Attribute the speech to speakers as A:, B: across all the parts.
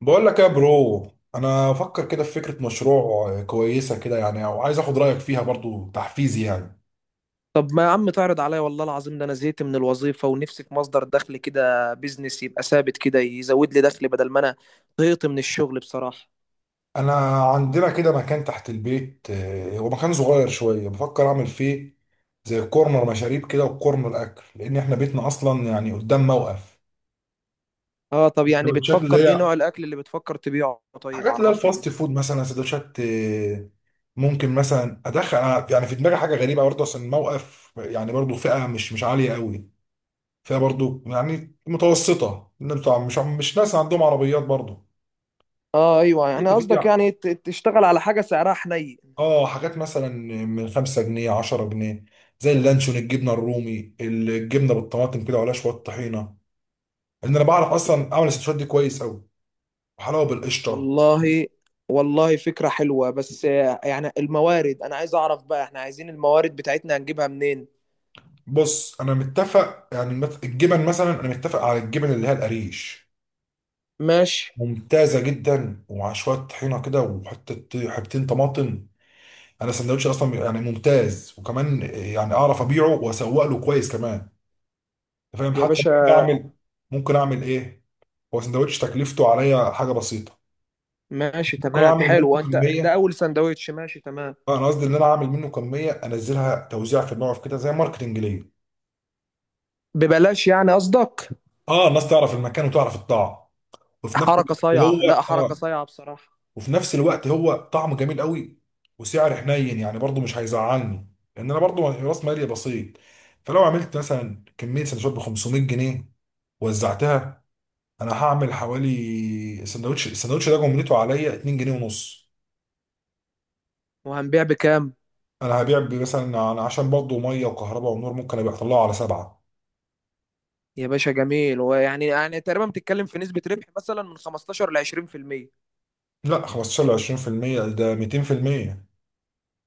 A: بقول لك إيه يا برو. انا افكر كده في فكره مشروع كويسه كده، يعني، وعايز اخد رايك فيها برضو تحفيزي يعني.
B: طب ما يا عم تعرض عليا، والله العظيم ده انا زهقت من الوظيفه ونفسي في مصدر دخل كده، بيزنس يبقى ثابت كده يزود لي دخل بدل ما انا طهقت من الشغل بصراحه.
A: انا عندنا كده مكان تحت البيت، هو مكان صغير شويه بفكر اعمل فيه زي كورنر مشاريب كده وكورنر اكل، لان احنا بيتنا اصلا يعني قدام موقف.
B: اه طب يعني
A: السندوتشات
B: بتفكر
A: اللي
B: ايه،
A: هي
B: نوع الاكل اللي بتفكر تبيعه؟ طيب
A: حاجات اللي هي
B: عرفني
A: الفاست
B: كده.
A: فود، مثلا سندوتشات، ممكن مثلا ادخل أنا، يعني في دماغي حاجه غريبه برضه، عشان الموقف يعني برضه فئه مش عاليه قوي، فيها برضو يعني متوسطة، إن بتوع مش ناس عندهم عربيات برضو.
B: اه ايوه، يعني
A: جبت
B: قصدك
A: فيها
B: يعني تشتغل على حاجه سعرها حنين.
A: اه حاجات مثلا من 5 جنيه 10 جنيه، زي اللانشون، الجبنة الرومي، الجبنة بالطماطم كده وعليها شوية طحينة. ان انا بعرف اصلا اعمل السندوتشات دي كويس قوي، وحلاوة بالقشطة.
B: والله والله فكره حلوه، بس يعني الموارد انا عايز اعرف بقى، احنا عايزين الموارد بتاعتنا هنجيبها منين؟
A: بص، انا متفق يعني الجبن مثلا، انا متفق على الجبن اللي هي القريش،
B: ماشي.
A: ممتازة جدا، ومع شوية طحينة كده وحتة حبتين طماطم. انا السندوتش اصلا يعني ممتاز، وكمان يعني اعرف ابيعه واسوق له كويس كمان. انت فاهم؟
B: يا
A: حتى
B: باشا
A: ممكن اعمل ايه، هو سندوتش تكلفته عليا حاجه بسيطه،
B: ماشي
A: ممكن
B: تمام،
A: اعمل
B: حلو،
A: منه
B: انت ده
A: كميه.
B: اول سندوتش ماشي تمام.
A: اه، انا قصدي ان انا اعمل منه كميه انزلها توزيع في الموقف كده، زي ماركتنج ليا.
B: ببلاش يعني قصدك؟
A: اه، الناس تعرف المكان وتعرف الطعم. وفي نفس
B: حركة صايعة، لا
A: الوقت هو
B: حركة
A: آه،
B: صايعة بصراحة.
A: وفي نفس الوقت هو طعمه جميل قوي، وسعر حنين يعني برضو مش هيزعلني، لان انا برضو راس مالي بسيط. فلو عملت مثلا كميه سندوتشات ب 500 جنيه وزعتها، انا هعمل حوالي سندوتش، السندوتش ده جملته عليا 2 جنيه ونص.
B: وهنبيع بكام؟
A: انا هبيع مثلا، انا عشان برضو ميه وكهرباء ونور ممكن ابقى اطلعه على 7.
B: يا باشا جميل، ويعني يعني تقريبا بتتكلم في نسبة ربح مثلا من 15 ل 20%.
A: لا، 15 ل 20%، ده 200%.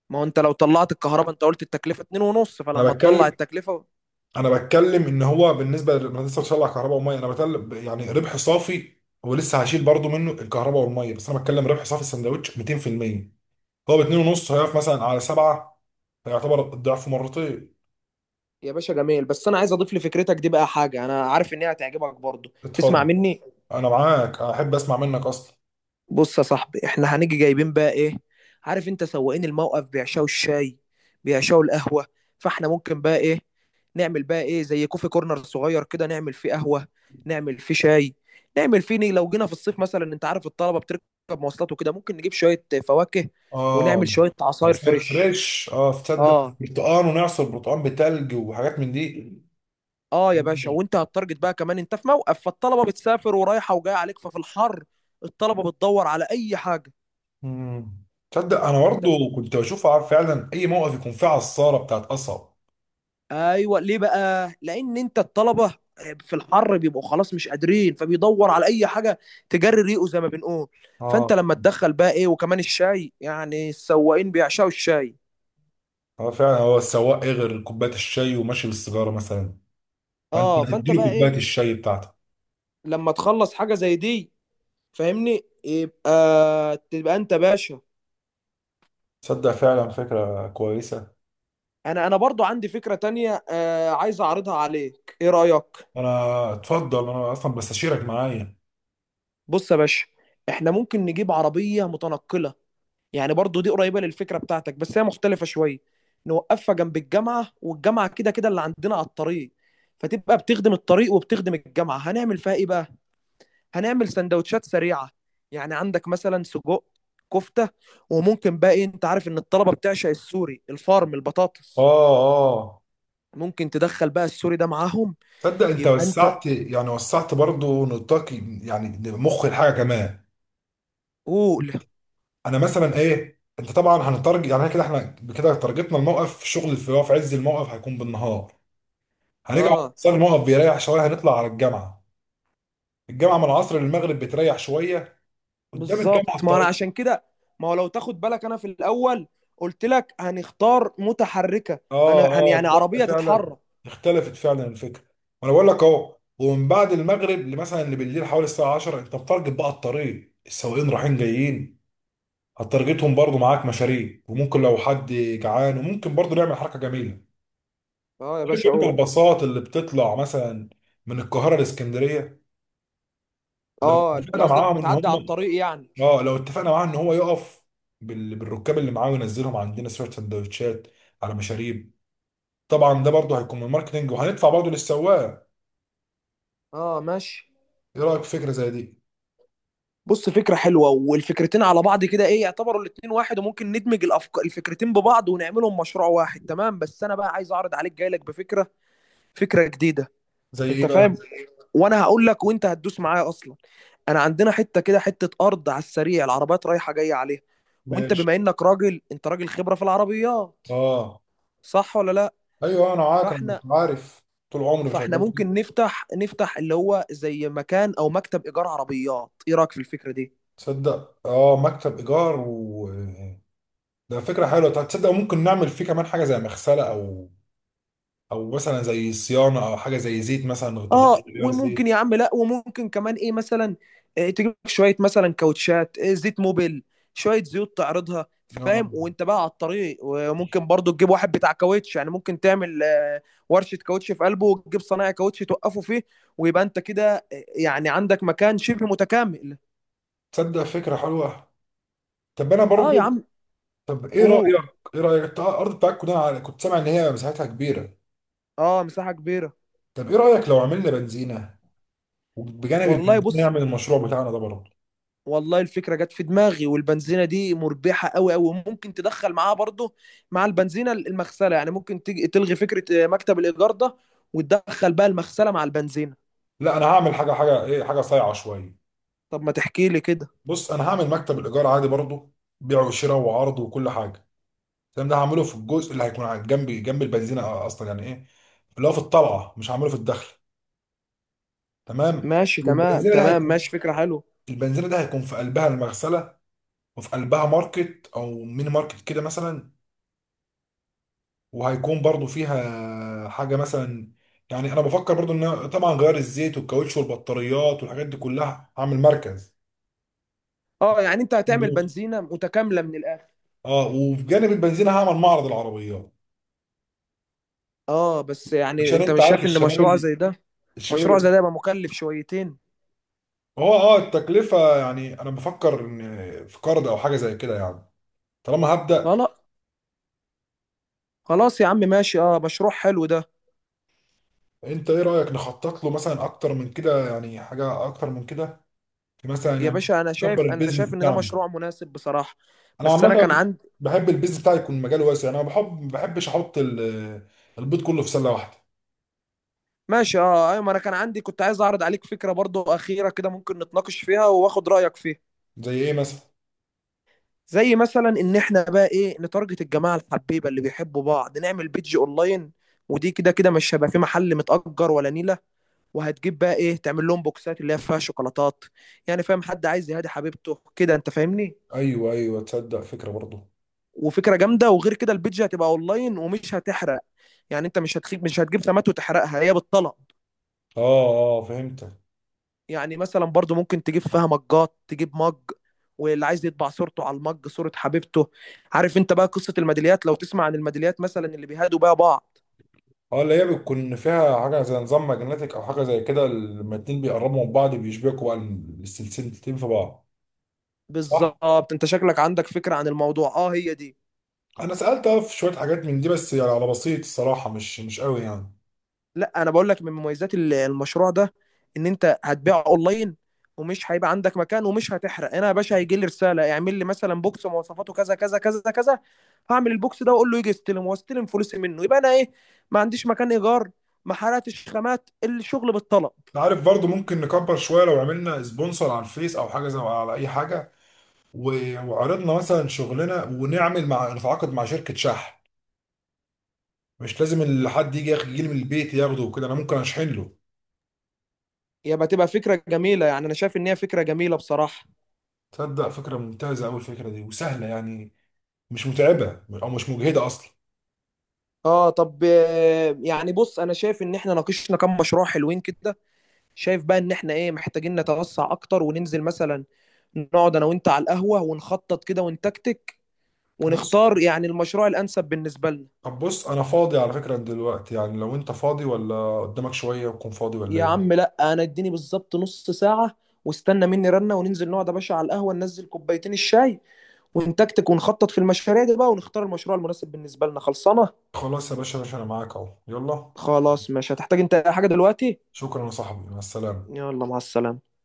B: ما هو انت لو طلعت الكهرباء، انت قلت التكلفة 2 ونص،
A: انا
B: فلما تطلع
A: بتكلم
B: التكلفة.
A: انا بتكلم ان هو بالنسبه انا لسه بشغل على كهرباء وميه، انا بتكلم يعني ربح صافي. هو لسه هشيل برضو منه الكهرباء والميه، بس انا بتكلم ربح صافي، السندوتش 200%، هو ب 2 ونص هيقف مثلا على 7، فيعتبر الضعف مرتين.
B: يا باشا جميل، بس انا عايز اضيف لفكرتك دي بقى حاجة انا عارف ان هي هتعجبك برضو. تسمع
A: اتفضل.
B: مني؟
A: انا معاك، احب اسمع منك اصلا.
B: بص يا صاحبي، احنا هنيجي جايبين بقى ايه؟ عارف انت سواقين الموقف بيعشوا الشاي، بيعشوا القهوة. فاحنا ممكن بقى ايه، نعمل بقى ايه زي كوفي كورنر صغير كده، نعمل فيه قهوة، نعمل فيه شاي، نعمل فيه لو جينا في الصيف مثلا، انت عارف الطلبة بتركب مواصلات وكده، ممكن نجيب شوية فواكه ونعمل
A: اه
B: شوية
A: يا
B: عصاير
A: فطار
B: فريش.
A: فريش، تصدق
B: اه
A: برتقان ونعصر برتقان بتلج وحاجات من دي.
B: اه يا باشا، وانت هتارجت بقى كمان، انت في موقف، فالطلبة بتسافر ورايحة وجاية عليك، ففي الحر الطلبة بتدور على اي حاجة.
A: مم. تصدق انا
B: فانت
A: برضو كنت بشوف فعلا اي موقف يكون فيه عصاره بتاعت قصب.
B: ايوه، ليه بقى؟ لان انت الطلبه في الحر بيبقوا خلاص مش قادرين، فبيدور على اي حاجه تجري ريقه زي ما بنقول.
A: اه،
B: فانت لما تدخل بقى ايه، وكمان الشاي، يعني السواقين بيعشقوا الشاي.
A: اه، فعلا هو السواق ايه غير كوبايه الشاي وماشي بالسيجاره مثلا؟ فانت
B: اه فانت
A: تديله
B: بقى ايه
A: كوبايه الشاي بتاعتك.
B: لما تخلص حاجه زي دي، فاهمني؟ يبقى تبقى انت باشا.
A: تصدق فعلا فكره كويسه.
B: انا برضو عندي فكره تانية آه، عايز اعرضها عليك، ايه رايك؟
A: انا اتفضل، انا اصلا بستشيرك معايا.
B: بص يا باشا، احنا ممكن نجيب عربيه متنقله، يعني برضو دي قريبه للفكره بتاعتك، بس هي مختلفه شويه. نوقفها جنب الجامعه، والجامعه كده كده اللي عندنا على الطريق، فتبقى بتخدم الطريق وبتخدم الجامعه. هنعمل فيها ايه بقى؟ هنعمل سندوتشات سريعه، يعني عندك مثلا سجق، كفته، وممكن بقى ايه، انت عارف ان الطلبه بتعشق السوري الفارم
A: اه،
B: البطاطس،
A: اه،
B: ممكن تدخل بقى السوري ده معاهم.
A: تصدق انت
B: يبقى انت
A: وسعت يعني وسعت برضو نطاق، يعني مخ الحاجه كمان.
B: قول.
A: انا مثلا ايه، انت طبعا هنترج يعني كده احنا كده ترجتنا الموقف، الشغل اللي في عز الموقف هيكون بالنهار، هنرجع
B: اه
A: صار الموقف بيريح شويه هنطلع على الجامعه، الجامعه من العصر للمغرب بتريح شويه، قدام الجامعه
B: بالظبط، ما انا
A: الطريق.
B: عشان كده، ما هو لو تاخد بالك انا في الاول قلت لك هنختار متحركه،
A: اه، اه،
B: يعني
A: تصدق
B: عربيه
A: فعلا
B: تتحرك.
A: اختلفت فعلا الفكره. وانا بقول لك اهو، ومن بعد المغرب لمثلا لبالليل حوالي الساعه 10، انت بتارجت بقى الطريق السواقين رايحين جايين، هتارجتهم برضو معاك مشاريع، وممكن لو حد جعان وممكن برضو نعمل حركه جميله.
B: اه يا
A: عارف
B: باشا
A: انت
B: اهو.
A: الباصات اللي بتطلع مثلا من القاهره لاسكندريه، لو
B: اه اللي
A: اتفقنا
B: قصدك
A: معاهم ان
B: بتعدي على
A: هم
B: الطريق يعني.
A: اه لو اتفقنا معاه ان هو يقف بالركاب اللي معاه، وينزلهم عندنا شويه سندوتشات على مشاريب. طبعا ده برضو هيكون من الماركتنج، وهندفع برضو للسواق.
B: اه ماشي.
A: ايه رايك في فكره زي دي؟
B: بص فكره حلوه، والفكرتين على بعض كده ايه، يعتبروا الاتنين واحد، وممكن ندمج الافكار، الفكرتين ببعض ونعملهم مشروع واحد تمام. بس انا بقى عايز اعرض عليك، جاي لك بفكره، فكره جديده.
A: زي ايه
B: انت
A: بقى؟
B: فاهم، وانا هقول لك وانت هتدوس معايا اصلا. انا عندنا حته كده، حته ارض على السريع، العربيات رايحه جايه عليها، وانت
A: ماشي.
B: بما انك راجل، انت راجل خبره في العربيات،
A: اه.
B: صح ولا لا؟
A: ايوه، انا معاك، انا
B: فاحنا
A: كنت عارف. طول عمري
B: فاحنا
A: شغال
B: ممكن
A: فيه.
B: نفتح اللي هو زي مكان او مكتب ايجار عربيات، ايه رايك في الفكره دي؟
A: تصدق اه مكتب ايجار و ده فكره حلوه، طب تصدق ممكن نعمل فيه كمان حاجه زي مغسله، او مثلا زي صيانه او حاجه زي زيت مثلا،
B: اه
A: تغيير غيار
B: وممكن
A: زيت.
B: يا عم، لا وممكن كمان ايه مثلا تجيب لك شويه مثلا كاوتشات، زيت موبيل، شويه زيوت تعرضها،
A: آه.
B: فاهم، وانت بقى على الطريق، وممكن برضو تجيب واحد بتاع كاوتش، يعني ممكن تعمل ورشه كاوتش في قلبه، وتجيب صنايعي كاوتش توقفه فيه، ويبقى انت كده يعني عندك مكان شبه متكامل.
A: تصدق فكره حلوه. طب انا
B: اه يا
A: برضو،
B: عم
A: طب
B: قول.
A: ايه رايك انت الارض بتاعتكم ده كنت سامع ان هي مساحتها كبيره.
B: اه مساحه كبيره.
A: طب ايه رايك لو عملنا بنزينه، وبجانب
B: والله
A: البنزينه
B: بص،
A: نعمل المشروع بتاعنا ده برضه.
B: والله الفكرة جت في دماغي، والبنزينة دي مربحة قوي قوي، ممكن تدخل معاها برضه، مع البنزينة المغسلة، يعني ممكن تيجي تلغي فكرة مكتب الإيجار ده، وتدخل بقى المغسلة مع البنزينة.
A: لا، انا هعمل حاجه، حاجه ايه، حاجه صايعه شويه.
B: طب ما تحكي لي كده.
A: بص، انا هعمل مكتب الايجار عادي برضه، بيع وشراء وعرض وكل حاجه. الكلام ده هعمله في الجزء اللي هيكون جنب جنب البنزينه اصلا، يعني ايه اللي هو في الطلعه، مش هعمله في الدخل، تمام؟
B: ماشي تمام
A: والبنزينه ده
B: تمام
A: هيكون
B: ماشي، فكرة حلوة.
A: البنزينه ده هيكون في قلبها المغسله، وفي قلبها ماركت او ميني ماركت كده مثلا. وهيكون برضه فيها حاجه مثلا، يعني انا بفكر برضه ان أنا طبعا غير الزيت والكاوتش والبطاريات والحاجات دي كلها هعمل مركز.
B: اه يعني انت هتعمل بنزينة متكاملة من الآخر.
A: اه، وبجانب البنزين هعمل معرض العربيات.
B: اه بس يعني
A: عشان
B: انت
A: انت
B: مش
A: عارف
B: شايف ان
A: الشباب
B: مشروع
A: اللي
B: زي ده،
A: الشباب
B: مشروع
A: اللي
B: زي ده يبقى مكلف شويتين.
A: هو التكلفه، يعني انا بفكر ان في قرض او حاجه زي كده يعني، طالما هبدا.
B: خلاص خلاص يا عم ماشي، اه مشروع حلو ده.
A: انت ايه رايك نخطط له مثلا اكتر من كده، يعني حاجه اكتر من كده، في مثلا
B: يا
A: يعني،
B: باشا انا
A: نكبر
B: شايف، انا
A: البيزنس
B: شايف ان ده
A: بتاعنا.
B: مشروع مناسب بصراحة،
A: انا
B: بس انا
A: عامه
B: كان عندي.
A: بحب البيزنس بتاعي يكون مجاله واسع، انا ما بحبش احط البيض كله في سله واحده.
B: ماشي اه ايوه، ما انا كان عندي، كنت عايز اعرض عليك فكره برضو اخيره كده، ممكن نتناقش فيها واخد رايك فيها.
A: زي ايه مثلا؟
B: زي مثلا ان احنا بقى ايه، نتارجت الجماعه الحبيبه اللي بيحبوا بعض، نعمل بيدج اونلاين، ودي كده كده مش هيبقى في محل متأجر ولا نيله. وهتجيب بقى ايه، تعمل لهم بوكسات اللي هي فيها شوكولاتات، يعني فاهم، حد عايز يهادي حبيبته كده، انت فاهمني.
A: ايوه، ايوه، تصدق فكره برضه.
B: وفكره جامده، وغير كده البيدج هتبقى اونلاين ومش هتحرق، يعني انت مش هتخيب، مش هتجيب خامات وتحرقها، هي بالطلب.
A: اه، اه، فهمتك.
B: يعني مثلا برضو ممكن تجيب فيها مجات، تجيب مج، واللي عايز يطبع صورته على المج، صورة حبيبته. عارف انت بقى قصة الميداليات، لو تسمع عن الميداليات مثلا اللي بيهادوا بيها بعض.
A: اه، اللي هي بتكون فيها حاجة زي نظام ماجنتيك أو حاجة زي كده، لما الاتنين بيقربوا من بعض بيشبكوا بقى السلسلتين في بعض. صح؟
B: بالظبط، انت شكلك عندك فكرة عن الموضوع، اه هي دي.
A: أنا سألت، اه، في شوية حاجات من دي، بس يعني على بسيط الصراحة، مش قوي يعني.
B: لا انا بقول لك من مميزات المشروع ده، ان انت هتبيع اونلاين، ومش هيبقى عندك مكان، ومش هتحرق. انا يا باشا هيجي لي رساله اعمل لي مثلا بوكس مواصفاته كذا كذا كذا كذا، هعمل البوكس ده واقول له يجي يستلم، واستلم فلوسي منه، يبقى انا ايه، ما عنديش مكان ايجار، ما حرقتش خامات، الشغل بالطلب.
A: أنت عارف برضو ممكن نكبر شوية لو عملنا سبونسر على الفيس أو حاجة زي، على أي حاجة، وعرضنا مثلا شغلنا، ونعمل مع نتعاقد مع شركة شحن. مش لازم حد يجي يجي لي من البيت ياخده وكده، أنا ممكن أشحن له.
B: يبقى تبقى فكره جميله، يعني انا شايف ان هي فكره جميله بصراحه.
A: تصدق فكرة ممتازة أوي الفكرة دي، وسهلة يعني، مش متعبة أو مش مجهدة أصلا.
B: اه طب يعني بص، انا شايف ان احنا ناقشنا كام مشروع حلوين كده، شايف بقى ان احنا ايه محتاجين نتوسع اكتر، وننزل مثلا نقعد انا وانت على القهوة ونخطط كده، ونتكتك،
A: بص
B: ونختار يعني المشروع الانسب بالنسبة لنا.
A: طب بص انا فاضي على فكرة دلوقتي، يعني لو انت فاضي ولا قدامك شوية وتكون فاضي، ولا
B: يا
A: ايه؟
B: عم لا، انا اديني بالظبط نص ساعة، واستنى مني رنة، وننزل نقعد يا باشا على القهوة، ننزل كوبايتين الشاي، ونتكتك ونخطط في المشاريع دي بقى، ونختار المشروع المناسب بالنسبة لنا، خلصانة.
A: خلاص يا باشا، يا باشا انا معاك اهو، يلا.
B: خلاص مش هتحتاج انت أي حاجة دلوقتي.
A: شكرا يا صاحبي، مع السلامة.
B: يلا مع السلامة.